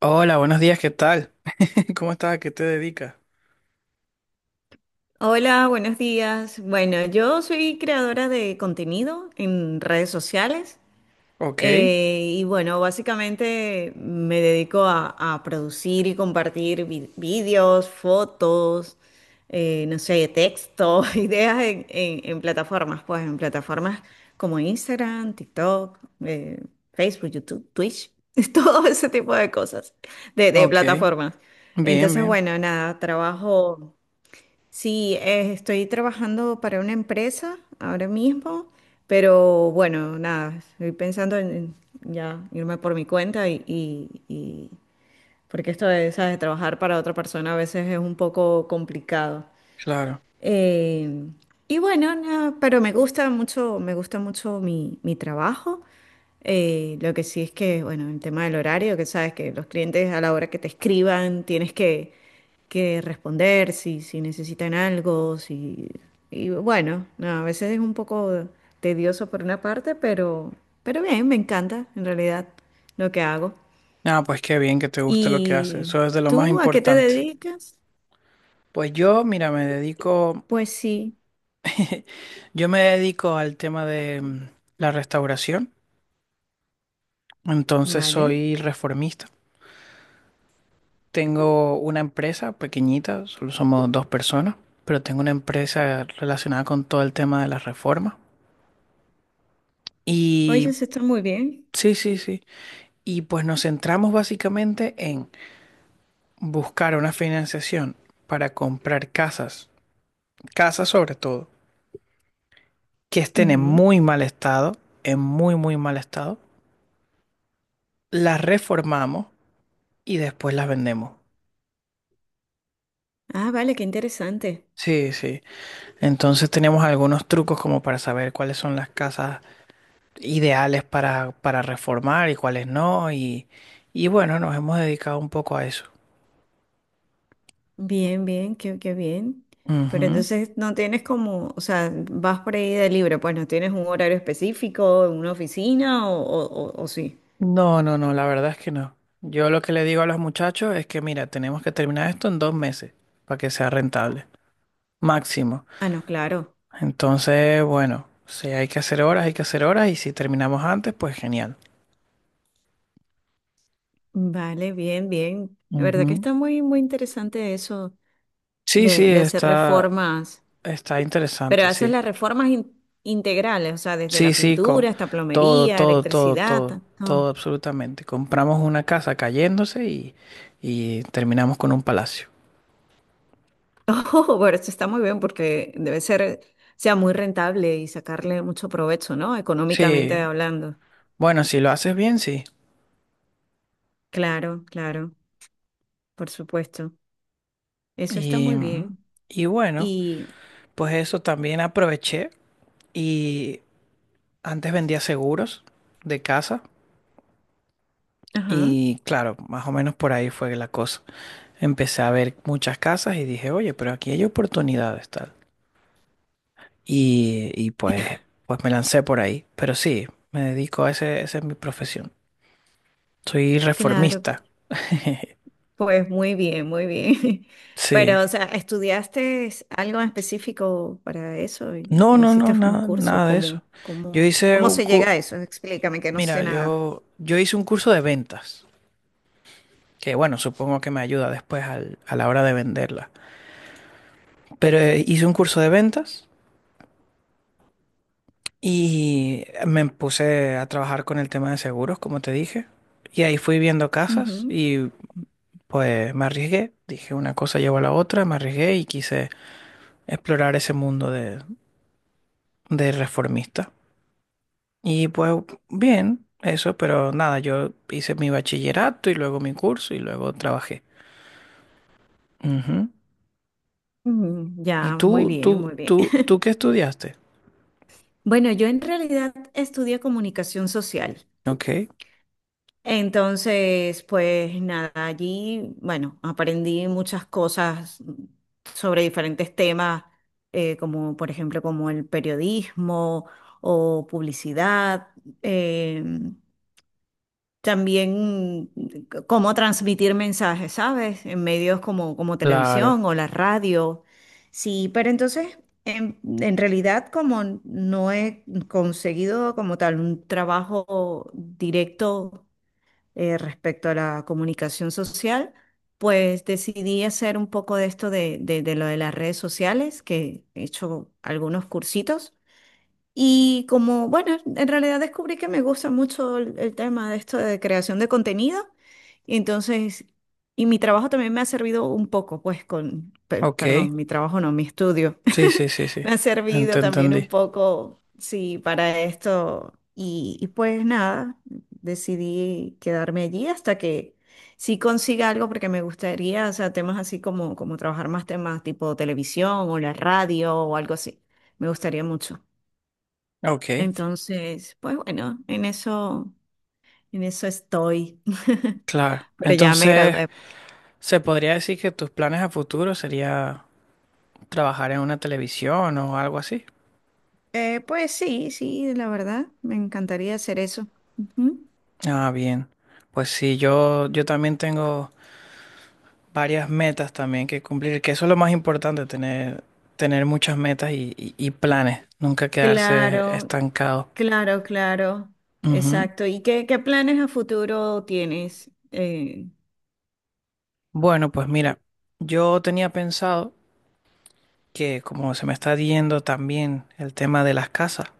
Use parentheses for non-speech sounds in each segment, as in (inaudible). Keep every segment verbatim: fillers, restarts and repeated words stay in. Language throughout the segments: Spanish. Hola, buenos días, ¿qué tal? (laughs) ¿Cómo estás? ¿A qué te dedicas? Hola, buenos días. Bueno, yo soy creadora de contenido en redes sociales, Ok, eh, y bueno, básicamente me dedico a, a producir y compartir vi- vídeos, fotos, eh, no sé, texto, (laughs) ideas en, en- en plataformas, pues en plataformas como Instagram, TikTok, eh, Facebook, YouTube, Twitch, (laughs) todo ese tipo de cosas, de, de ok, plataformas. bien, Entonces, bien, bueno, nada, trabajo. Sí, eh, estoy trabajando para una empresa ahora mismo, pero bueno, nada, estoy pensando en en ya irme por mi cuenta y, y- y- porque esto de, ¿sabes?, trabajar para otra persona a veces es un poco complicado. claro. Eh, y bueno, nada, pero me gusta mucho, me gusta mucho mi, mi trabajo. Eh, lo que sí es que, bueno, el tema del horario, que sabes que los clientes, a la hora que te escriban, tienes que que responder, si, si necesitan algo, si. Y bueno, no, a veces es un poco tedioso por una parte, pero, pero bien, me encanta en realidad lo que hago. Ah, pues qué bien que te guste lo que haces, ¿Y eso es de lo más tú a qué te importante. dedicas? Pues yo, mira, me dedico, Pues sí, yo me dedico al tema de mm, la restauración, entonces vale. soy reformista. Tengo una empresa pequeñita, solo somos dos personas, pero tengo una empresa relacionada con todo el tema de las reformas. Y Oye, eso está muy bien. sí, sí, sí. Y pues nos centramos básicamente en buscar una financiación para comprar casas, casas sobre todo, que estén en Ujú. muy mal estado, en muy, muy mal estado, las reformamos y después las vendemos. Ah, vale, qué interesante. Sí, sí. Entonces tenemos algunos trucos como para saber cuáles son las casas ideales para, para reformar y cuáles no. Y, y bueno, nos hemos dedicado un poco a eso. Bien, bien, qué, qué bien. Pero Ujú. entonces no tienes como, o sea, vas por ahí de libre, pues no tienes un horario específico, una oficina o, o, o- o sí. No, no, no, la verdad es que no. Yo lo que le digo a los muchachos es que, mira, tenemos que terminar esto en dos meses para que sea rentable. Máximo. Ah, no, claro. Entonces, bueno, si hay que hacer horas, hay que hacer horas y si terminamos antes, pues genial. Vale, bien, bien. La verdad que Ujú. está muy, muy interesante eso Sí, sí, de, de hacer está, reformas, está pero interesante, haces sí. las reformas in- integrales, o sea, desde Sí, la sí, con pintura hasta todo, plomería, todo, todo, electricidad, todo, todo todo. absolutamente. Compramos una casa cayéndose y, y terminamos con un palacio. (laughs) Oh, bueno, eso está muy bien porque debe ser, o sea, muy rentable y sacarle mucho provecho, ¿no? Económicamente Sí, hablando. bueno, si lo haces bien, sí. Claro, claro, por supuesto. Eso está Y, muy bien. y bueno, Y, pues eso también aproveché y antes vendía seguros de casa. ajá, Y claro, más o menos por ahí fue la cosa. Empecé a ver muchas casas y dije, oye, pero aquí hay oportunidades, tal. Y, y pues, pues me lancé por ahí. Pero sí, me dedico a ese, esa es mi profesión. Soy claro. reformista. (laughs) Pues muy bien, muy bien. (laughs) Sí. Pero, o sea, ¿estudiaste algo en específico para eso? No, ¿O no, no, hiciste un nada, curso? nada de ¿Cómo, eso. Yo cómo, hice cómo un se cu- llega a eso? Explícame, que no sé mira, nada. yo, yo hice un curso de ventas, que bueno, supongo que me ayuda después al- a la hora de venderla. Pero eh, hice un curso de ventas. Y me puse a trabajar con el tema de seguros, como te dije. Y ahí fui viendo casas Ujú. y pues me arriesgué. Dije una cosa llevó a la otra, me arriesgué y quise explorar ese mundo de, de reformista. Y pues bien, eso, pero nada, yo hice mi bachillerato y luego mi curso y luego trabajé. Ujú. Mm, ¿Y ya, muy tú, bien, tú, muy bien. tú, tú (laughs) qué estudiaste? Bueno, yo en realidad estudié comunicación social. Ok, Entonces, pues nada, allí, bueno, aprendí muchas cosas sobre diferentes temas, eh, como por ejemplo, como el periodismo o publicidad, eh, también, mm, cómo transmitir mensajes, ¿sabes?, en medios como, como claro. televisión o la radio. Sí, pero entonces, en, en realidad, como no he conseguido como tal un trabajo directo eh, respecto a la comunicación social, pues decidí hacer un poco de esto de, de, de lo de las redes sociales, que he hecho algunos cursitos, y, como, bueno, en realidad descubrí que me gusta mucho el, el tema de esto de creación de contenido. Y entonces, y mi trabajo también me ha servido un poco, pues con, per- Ok, perdón, mi trabajo no, mi estudio. (laughs) sí, sí, sí, sí. Me ha Ent- servido también un Entendí. poco, sí, para esto. Y, y pues nada, decidí quedarme allí hasta que sí consiga algo, porque me gustaría, o sea, temas así como, como trabajar más temas tipo televisión o la radio o algo así. Me gustaría mucho. Ok, Entonces, pues bueno, en eso, en eso estoy. (laughs) claro. Pero ya me Entonces… gradué, pues. ¿Se podría decir que tus planes a futuro sería trabajar en una televisión o algo así? Eh, pues sí, sí, la verdad, me encantaría hacer eso. Ujú. Ah, bien. Pues sí, yo, yo también tengo varias metas también que cumplir, que eso es lo más importante, tener, tener muchas metas y, y- y planes, nunca quedarse Claro, estancado. claro, claro. Ujú. Exacto. ¿Y qué, qué planes a futuro tienes? Eh, Bueno, pues mira, yo tenía pensado que como se me está yendo también el tema de las casas,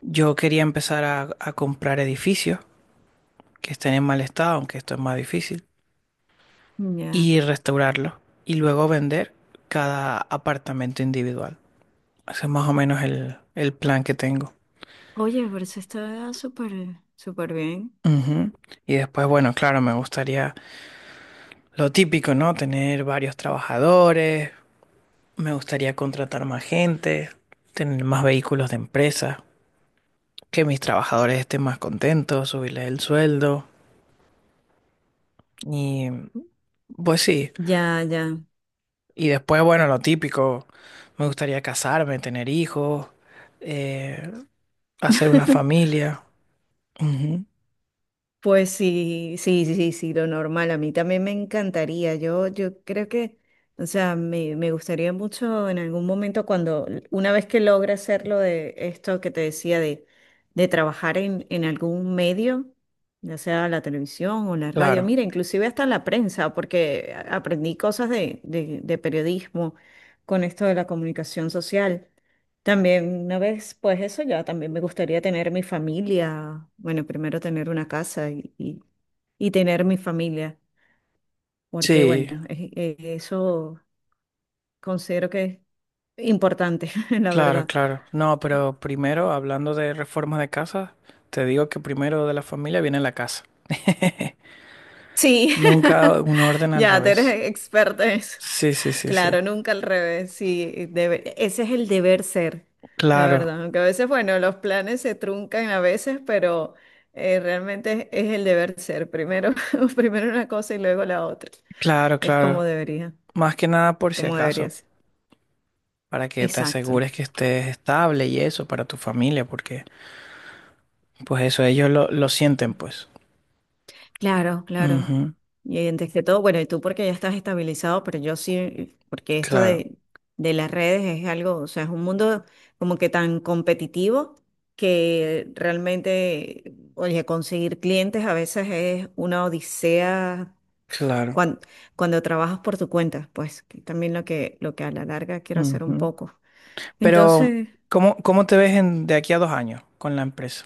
yo quería empezar a, a comprar edificios que estén en mal estado, aunque esto es más difícil. ya. Y restaurarlo y luego vender cada apartamento individual. Ese es más o menos el, el plan que tengo. Oye, pero eso está súper, súper bien. Ujú. Y después, bueno, claro, me gustaría lo típico, ¿no? Tener varios trabajadores, me gustaría contratar más gente, tener más vehículos de empresa, que mis trabajadores estén más contentos, subirles el sueldo y pues sí. Ya, ya. Y después, bueno, lo típico, me gustaría casarme, tener hijos, eh, hacer una (laughs) familia. Ujú. Pues sí, sí, sí, sí, sí, lo normal. A mí también me encantaría. Yo, yo creo que, o sea, me, me gustaría mucho en algún momento cuando, una vez que logre hacerlo de esto que te decía, de, de trabajar en, en algún medio, ya sea la televisión o la radio, Claro, mira, inclusive hasta la prensa, porque a- aprendí cosas de, de de periodismo con esto de la comunicación social. También una vez, pues eso ya, también me gustaría tener mi familia, bueno, primero tener una casa y, y- y tener mi familia, porque sí, bueno, e- e- eso considero que es importante, (laughs) la claro, verdad. claro. No, pero primero, hablando de reformas de casa, te digo que primero de la familia viene la casa. (laughs) Sí, Nunca (laughs) un orden al ya, tú eres revés. experta en eso. Sí, sí, sí, sí. Claro, nunca al revés, sí, debe- ese es el deber ser, la Claro, verdad, aunque a veces, bueno, los planes se truncan a veces, pero eh, realmente es, es el deber ser, primero, (laughs) primero una cosa y luego la otra, claro, es como claro. debería, Más que nada por si como debería acaso, ser, para que te exacto. asegures que estés estable y eso para tu familia, porque pues eso ellos lo, lo sienten, pues. Claro, claro. Ujú. Y antes que todo, bueno, y tú porque ya estás estabilizado, pero yo sí, porque esto Claro, de, de las redes es algo, o sea, es un mundo como que tan competitivo que realmente, oye, conseguir clientes a veces es una odisea claro. cuando, cuando trabajas por tu cuenta, pues que también lo que, lo que a la larga quiero hacer un Ujú. poco. Pero, Entonces, ¿cómo, cómo te ves en- de aquí a dos años con la empresa?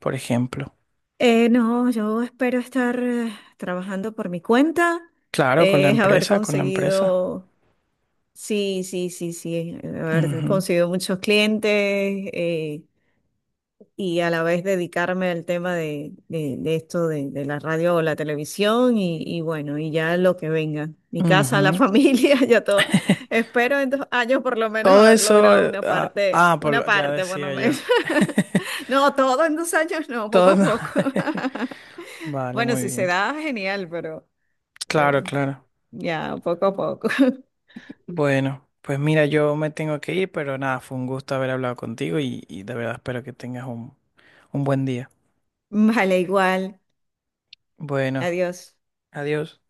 Por ejemplo. eh, no, yo espero estar eh, trabajando por mi cuenta, Claro, con la eh, (laughs) haber empresa, con la empresa. conseguido. Sí, sí, sí, sí. Haber Ujú, conseguido muchos clientes, eh, y a la vez dedicarme al tema de, de- de esto de, de la radio o la televisión, y, y bueno, y ya lo que venga. Mi casa, la ujú. familia, (laughs) ya todo. Espero en dos años por lo menos Todo haber eso, logrado eh, una ah, parte, ah, por una lo… ya parte por lo decía menos. yo. (laughs) No, todo en dos años no, poco a Todo. poco. (laughs) (laughs) Vale, Bueno, muy si se bien. da, genial, pero Claro, eh, claro. ya poco a poco. (laughs) Bueno, pues mira, yo me tengo que ir, pero nada, fue un gusto haber hablado contigo y, y de verdad espero que tengas un, un buen día. Vale, igual. Bueno, Adiós. adiós.